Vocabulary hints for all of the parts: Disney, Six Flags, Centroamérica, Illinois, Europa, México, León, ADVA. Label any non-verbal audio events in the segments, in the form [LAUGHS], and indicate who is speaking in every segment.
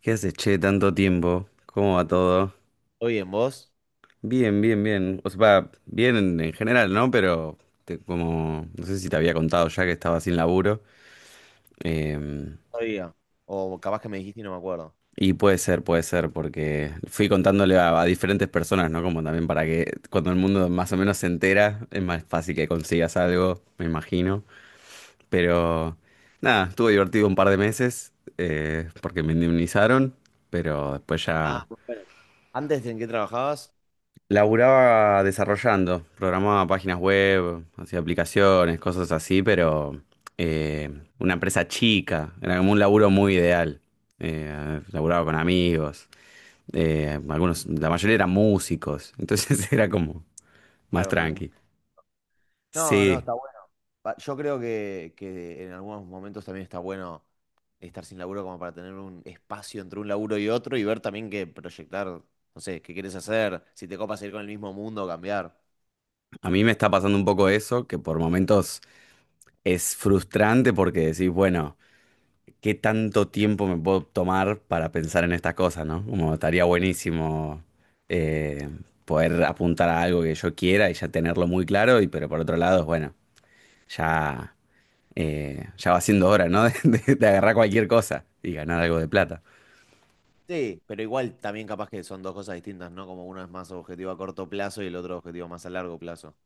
Speaker 1: ¿Qué haces, che? Tanto tiempo. ¿Cómo va todo?
Speaker 2: ¿Todo bien, vos?
Speaker 1: Bien, bien, bien. O sea, va bien en general, ¿no? Pero no sé si te había contado ya que estaba sin laburo. Em,
Speaker 2: Todavía. O capaz que me dijiste y no me acuerdo.
Speaker 1: y puede ser, porque fui contándole a diferentes personas, ¿no? Como también para que cuando el mundo más o menos se entera, es más fácil que consigas algo, me imagino. Pero nada, estuvo divertido un par de meses, porque me indemnizaron, pero después
Speaker 2: Ah,
Speaker 1: ya...
Speaker 2: muy bueno. ¿Antes en qué trabajabas?
Speaker 1: Laburaba desarrollando, programaba páginas web, hacía aplicaciones, cosas así, pero eh, una empresa chica, era como un laburo muy ideal. Laburaba con amigos, algunos, la mayoría eran músicos, entonces [LAUGHS] era como más
Speaker 2: Claro,
Speaker 1: tranqui.
Speaker 2: no, no,
Speaker 1: Sí,
Speaker 2: está bueno. Yo creo que en algunos momentos también está bueno estar sin laburo como para tener un espacio entre un laburo y otro y ver también que proyectar, no sé, qué quieres hacer, si te copas ir con el mismo mundo, o cambiar.
Speaker 1: a mí me está pasando un poco eso, que por momentos es frustrante porque decís, bueno, qué tanto tiempo me puedo tomar para pensar en estas cosas, ¿no? Como estaría buenísimo eh, poder apuntar a algo que yo quiera y ya tenerlo muy claro, y pero por otro lado, bueno, ya, ya va siendo hora, ¿no? [LAUGHS] De agarrar cualquier cosa y ganar algo de plata.
Speaker 2: Sí, pero igual también capaz que son dos cosas distintas, ¿no? Como uno es más objetivo a corto plazo y el otro objetivo más a largo plazo.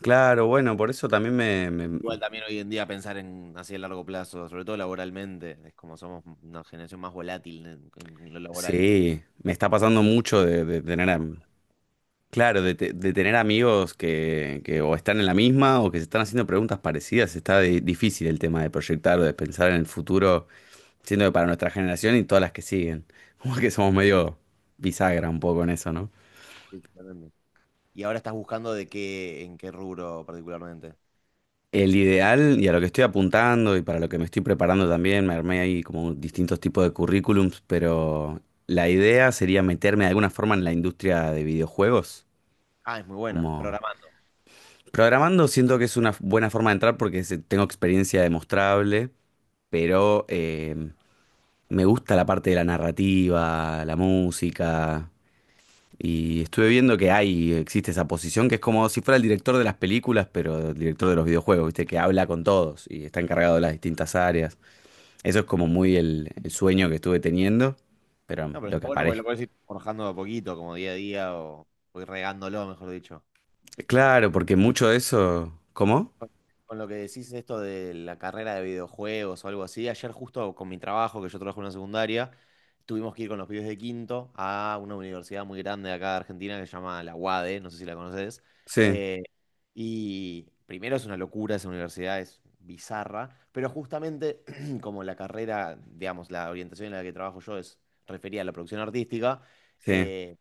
Speaker 1: Claro, bueno, por eso también
Speaker 2: Igual también hoy en día pensar en así a largo plazo, sobre todo laboralmente, es como somos una generación más volátil en lo laboral.
Speaker 1: sí, me está pasando mucho de claro, de tener amigos que o están en la misma o que se están haciendo preguntas parecidas, está difícil el tema de proyectar o de pensar en el futuro, siendo que para nuestra generación y todas las que siguen, [LAUGHS] como que somos medio bisagra un poco en eso, ¿no?
Speaker 2: Sí, totalmente. Y ahora estás buscando de qué, ¿en qué rubro particularmente?
Speaker 1: El ideal y a lo que estoy apuntando y para lo que me estoy preparando también, me armé ahí como distintos tipos de currículums, pero la idea sería meterme de alguna forma en la industria de videojuegos,
Speaker 2: Ah, es muy buena,
Speaker 1: como
Speaker 2: programando.
Speaker 1: programando siento que es una buena forma de entrar porque tengo experiencia demostrable. Pero me gusta la parte de la narrativa, la música. Y estuve viendo que hay, existe esa posición que es como si fuera el director de las películas, pero el director de los videojuegos, ¿viste? Que habla con todos y está encargado de las distintas áreas. Eso es como muy el sueño que estuve teniendo, pero
Speaker 2: No, pero
Speaker 1: lo
Speaker 2: está
Speaker 1: que
Speaker 2: bueno porque
Speaker 1: aparece.
Speaker 2: lo puedes ir forjando de a poquito, como día a día, o ir regándolo, mejor dicho.
Speaker 1: Claro, porque mucho de eso. ¿Cómo?
Speaker 2: Con con lo que decís esto de la carrera de videojuegos o algo así, ayer justo con mi trabajo, que yo trabajo en una secundaria, tuvimos que ir con los pibes de quinto a una universidad muy grande de acá de Argentina que se llama la UADE, no sé si la conoces.
Speaker 1: Sí,
Speaker 2: Eh, y primero es una locura esa universidad, es bizarra, pero justamente [CLEARS THROAT] como la carrera, digamos, la orientación en la que trabajo yo es referida a la producción artística.
Speaker 1: sí.
Speaker 2: eh,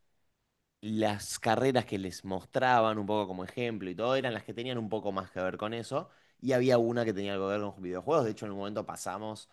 Speaker 2: las carreras que les mostraban un poco como ejemplo y todo eran las que tenían un poco más que ver con eso. Y había una que tenía algo que ver con videojuegos. De hecho, en un momento pasamos,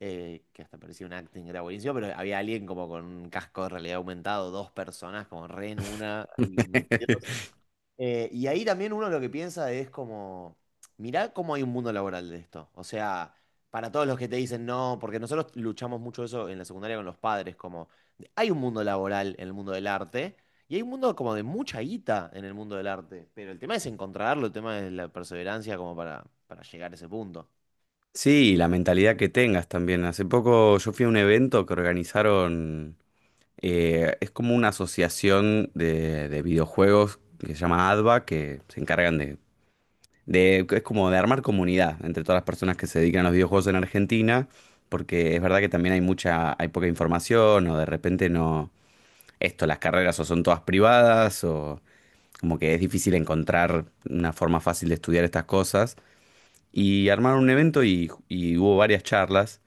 Speaker 2: que hasta parecía un acting, que era buenísimo, pero había alguien como con un casco de realidad aumentado, dos personas como re en una, y metido.
Speaker 1: [LAUGHS]
Speaker 2: Y ahí también uno lo que piensa es como, mirá cómo hay un mundo laboral de esto. O sea, para todos los que te dicen no, porque nosotros luchamos mucho eso en la secundaria con los padres, como hay un mundo laboral en el mundo del arte y hay un mundo como de mucha guita en el mundo del arte. Pero el tema es encontrarlo, el tema es la perseverancia como para llegar a ese punto.
Speaker 1: Sí, la mentalidad que tengas también. Hace poco yo fui a un evento que organizaron. Es como una asociación de videojuegos que se llama ADVA, que se encargan es como de armar comunidad entre todas las personas que se dedican a los videojuegos en Argentina, porque es verdad que también hay mucha, hay poca información, o de repente no... Esto, las carreras o son todas privadas, o como que es difícil encontrar una forma fácil de estudiar estas cosas. Y armaron un evento y hubo varias charlas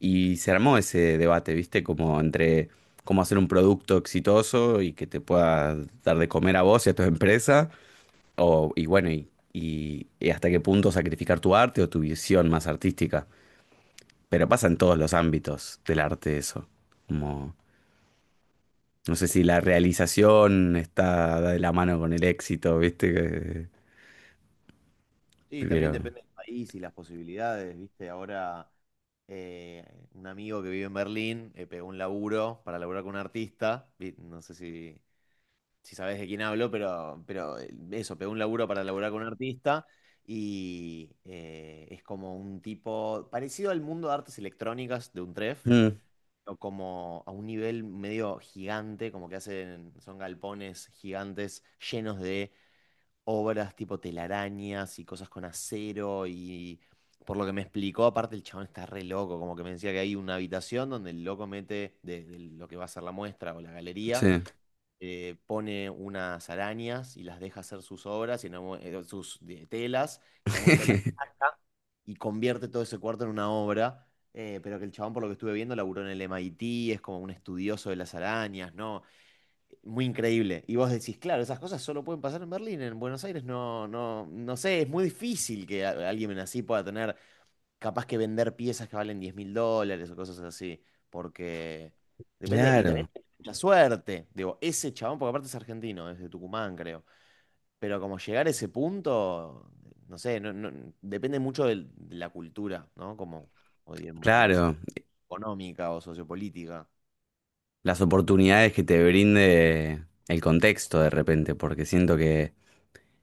Speaker 1: y se armó ese debate, ¿viste? Como entre cómo hacer un producto exitoso y que te pueda dar de comer a vos y a tu empresa, o, y bueno, y hasta qué punto sacrificar tu arte o tu visión más artística. Pero pasa en todos los ámbitos del arte eso. Como, no sé si la realización está de la mano con el éxito, ¿viste? Que-
Speaker 2: Sí, también
Speaker 1: pero...
Speaker 2: depende del país y las posibilidades, ¿viste? Ahora un amigo que vive en Berlín pegó un laburo para laburar con un artista. No sé si sabes de quién hablo, pero, eso, pegó un laburo para laburar con un artista y es como un tipo parecido al mundo de artes electrónicas de un tref,
Speaker 1: Mm,
Speaker 2: o como a un nivel medio gigante, como que hacen, son galpones gigantes llenos de obras tipo telarañas y cosas con acero y... Por lo que me explicó, aparte el chabón está re loco, como que me decía que hay una habitación donde el loco mete de lo que va a ser la muestra o la
Speaker 1: sí.
Speaker 2: galería, pone unas arañas y las deja hacer sus obras, y en telas, y en algún momento
Speaker 1: [LAUGHS]
Speaker 2: y convierte todo ese cuarto en una obra. Pero que el chabón, por lo que estuve viendo, laburó en el MIT, es como un estudioso de las arañas, ¿no? Muy increíble. Y vos decís, claro, esas cosas solo pueden pasar en Berlín, en Buenos Aires no, no, no sé, es muy difícil que alguien así pueda tener capaz que vender piezas que valen 10.000 dólares o cosas así, porque depende, y también
Speaker 1: Claro,
Speaker 2: la suerte, digo, ese chabón, porque aparte es argentino, es de Tucumán, creo, pero como llegar a ese punto, no sé, depende mucho de la cultura, ¿no? Como, o de la situación
Speaker 1: claro.
Speaker 2: económica o sociopolítica,
Speaker 1: Las oportunidades que te brinde el contexto de repente, porque siento que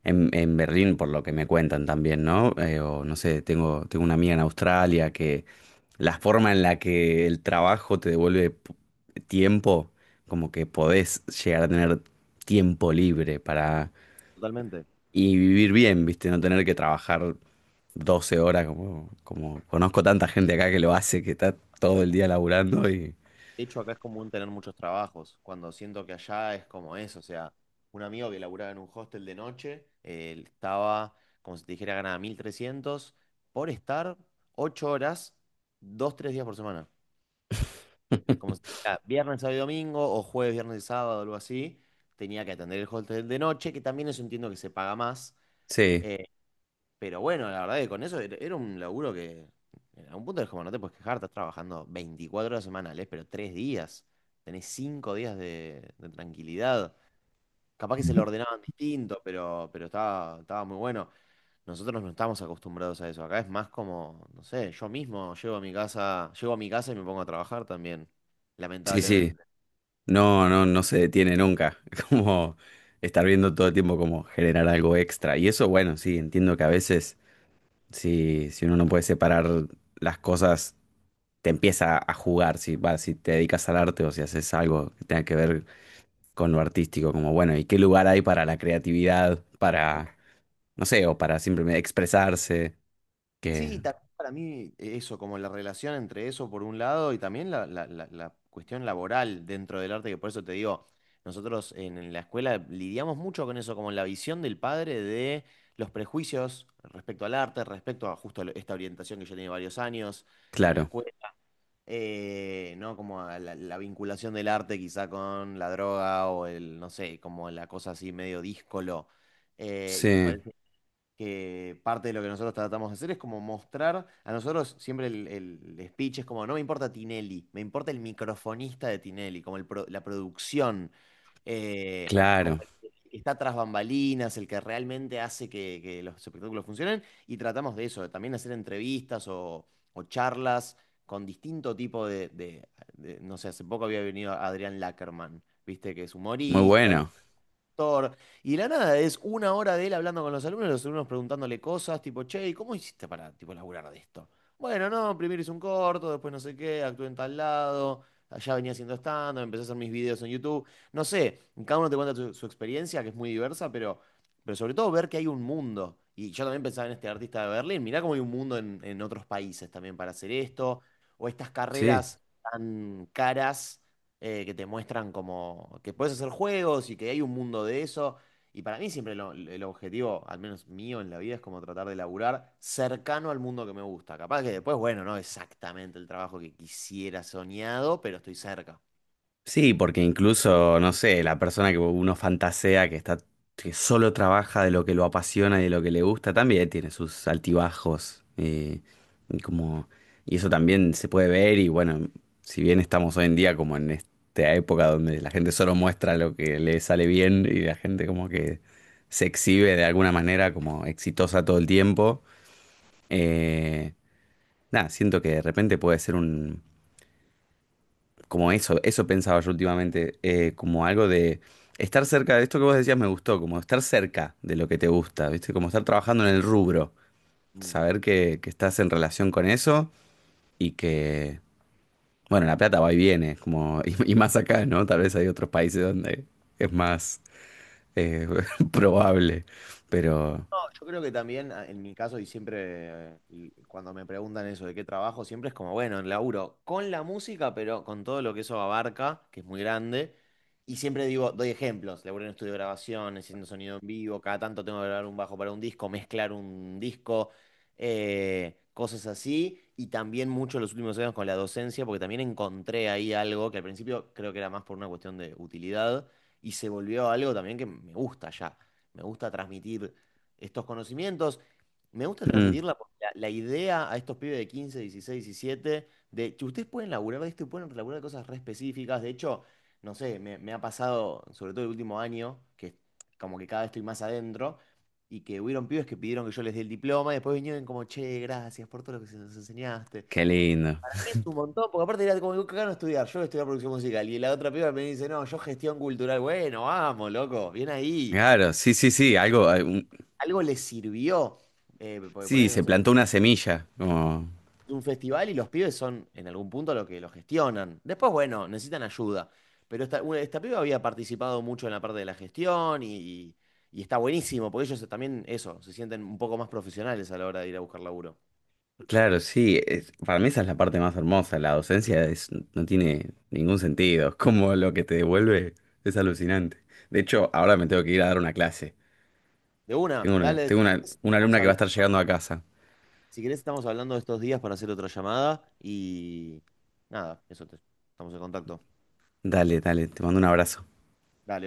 Speaker 1: en Berlín, por lo que me cuentan también, ¿no? O no sé, tengo una amiga en Australia que la forma en la que el trabajo te devuelve tiempo, como que podés llegar a tener tiempo libre para...
Speaker 2: totalmente.
Speaker 1: Y vivir bien, ¿viste? No tener que trabajar 12 horas, como, como conozco tanta gente acá que lo hace, que está todo el día laburando y...
Speaker 2: De hecho, acá es común tener muchos trabajos, cuando siento que allá es como eso, o sea, un amigo que laburaba en un hostel de noche, él estaba, como si te dijera, ganaba 1.300 por estar 8 horas, 2 3 días por semana. Como si
Speaker 1: [LAUGHS]
Speaker 2: te dijera, viernes, sábado y domingo, o jueves, viernes y sábado, algo así, tenía que atender el hostel de noche, que también eso entiendo que se paga más,
Speaker 1: Sí,
Speaker 2: eh, pero bueno, la verdad que con eso era un laburo que a un punto es como no te puedes quejar, estás trabajando 24 horas semanales, pero 3 días. Tenés 5 días de tranquilidad. Capaz que se lo ordenaban distinto, pero estaba, estaba muy bueno. Nosotros no estamos acostumbrados a eso. Acá es más como, no sé, yo mismo llego a mi casa, llego a mi casa y me pongo a trabajar también,
Speaker 1: sí, sí.
Speaker 2: lamentablemente.
Speaker 1: No, no, no se detiene nunca. [LAUGHS] Como estar viendo todo el tiempo como generar algo extra. Y eso, bueno, sí, entiendo que a veces, si, si uno no puede separar las cosas, te empieza a jugar. Si, va, si te dedicas al arte o si haces algo que tenga que ver con lo artístico, como bueno, ¿y qué lugar hay para la creatividad? Para, no sé, o para simplemente expresarse. Que,
Speaker 2: Sí, también para mí eso, como la relación entre eso por un lado y también la cuestión laboral dentro del arte, que por eso te digo, nosotros en la escuela lidiamos mucho con eso, como la visión del padre de los prejuicios respecto al arte, respecto a justo lo- esta orientación que yo tenía varios años en la
Speaker 1: claro,
Speaker 2: escuela, ¿no? Como a la, la vinculación del arte quizá con la droga o el, no sé, como la cosa así medio díscolo. Y me
Speaker 1: sí,
Speaker 2: parece que parte de lo que nosotros tratamos de hacer es como mostrar, a nosotros siempre el speech es como, no me importa Tinelli, me importa el microfonista de Tinelli, como la producción, como
Speaker 1: claro,
Speaker 2: el que está tras bambalinas, el que realmente hace que los espectáculos funcionen, y tratamos de eso, de también hacer entrevistas o charlas con distinto tipo no sé, hace poco había venido Adrián Lackerman, viste, que es
Speaker 1: muy
Speaker 2: humorista,
Speaker 1: bueno,
Speaker 2: Thor. Y de la nada, es una hora de él hablando con los alumnos preguntándole cosas, tipo, che, ¿y cómo hiciste para, tipo, laburar de esto? Bueno, no, primero hice un corto, después no sé qué, actué en tal lado, allá venía haciendo stand-up, empecé a hacer mis videos en YouTube. No sé, cada uno te cuenta su experiencia, que es muy diversa, pero sobre todo ver que hay un mundo. Y yo también pensaba en este artista de Berlín, mirá cómo hay un mundo en otros países también para hacer esto, o estas
Speaker 1: sí.
Speaker 2: carreras tan caras que te muestran como que puedes hacer juegos y que hay un mundo de eso. Y para mí siempre lo- el objetivo, al menos mío en la vida, es como tratar de laburar cercano al mundo que me gusta. Capaz que después, bueno, no exactamente el trabajo que quisiera soñado, pero estoy cerca.
Speaker 1: Sí, porque incluso, no sé, la persona que uno fantasea, que está, que solo trabaja de lo que lo apasiona y de lo que le gusta, también tiene sus altibajos. Eh, y como, y eso también se puede ver, y bueno, si bien estamos hoy en día como en esta época donde la gente solo muestra lo que le sale bien y la gente como que se exhibe de alguna manera como exitosa todo el tiempo, eh, nada, siento que de repente puede ser un como eso pensaba yo últimamente, como algo de estar cerca de esto que vos decías me gustó, como estar cerca de lo que te gusta, ¿viste? Como estar trabajando en el rubro,
Speaker 2: Mm.
Speaker 1: saber que estás en relación con eso y que, bueno, la plata va y viene, como, [LAUGHS] y más acá, ¿no? Tal vez hay otros países donde es más eh, [LAUGHS] probable, pero...
Speaker 2: No, yo creo que también, a- en mi caso, y siempre y cuando me preguntan eso de qué trabajo, siempre es como, bueno, laburo con la música, pero con todo lo que eso abarca, que es muy grande. Y siempre digo, doy ejemplos, laburo en estudio de grabación, haciendo sonido en vivo, cada tanto tengo que grabar un bajo para un disco, mezclar un disco, cosas así. Y también mucho los últimos años con la docencia, porque también encontré ahí algo que al principio creo que era más por una cuestión de utilidad, y se volvió algo también que me gusta ya. Me gusta transmitir estos conocimientos. Me gusta
Speaker 1: Mm,
Speaker 2: transmitirla porque la idea a estos pibes de 15, 16, 17, de que ustedes pueden laburar de esto y pueden laburar de cosas re específicas. De hecho, no sé, me ha pasado, sobre todo el último año, que como que cada vez estoy más adentro, y que hubieron pibes que pidieron que yo les dé el diploma y después vinieron como, che, gracias por todo lo que nos enseñaste.
Speaker 1: qué lindo.
Speaker 2: Para mí es un montón, porque aparte era como, acá no estudiar, yo voy a estudiar producción musical. Y la otra piba me dice, no, yo gestión cultural. Bueno, vamos, loco, bien ahí
Speaker 1: Claro, sí, sí, sí, algo, un-
Speaker 2: algo les sirvió. Porque
Speaker 1: sí,
Speaker 2: poner, no
Speaker 1: se
Speaker 2: sé,
Speaker 1: plantó una semilla, como...
Speaker 2: un festival y los pibes son en algún punto lo que lo gestionan. Después, bueno, necesitan ayuda. Pero esta piba había participado mucho en la parte de la gestión y está buenísimo, porque ellos también, eso, se sienten un poco más profesionales a la hora de ir a buscar laburo.
Speaker 1: Claro, sí, es- para mí esa es la parte más hermosa, la docencia es, no tiene ningún sentido, [LAUGHS] es como lo que te devuelve es alucinante. De hecho, ahora me tengo que ir a dar una clase.
Speaker 2: De una,
Speaker 1: Tengo una,
Speaker 2: dale, si querés,
Speaker 1: una alumna que va a estar llegando a casa.
Speaker 2: si querés, estamos hablando estos días para hacer otra llamada y nada, estamos en contacto.
Speaker 1: Dale, dale, te mando un abrazo.
Speaker 2: Dale.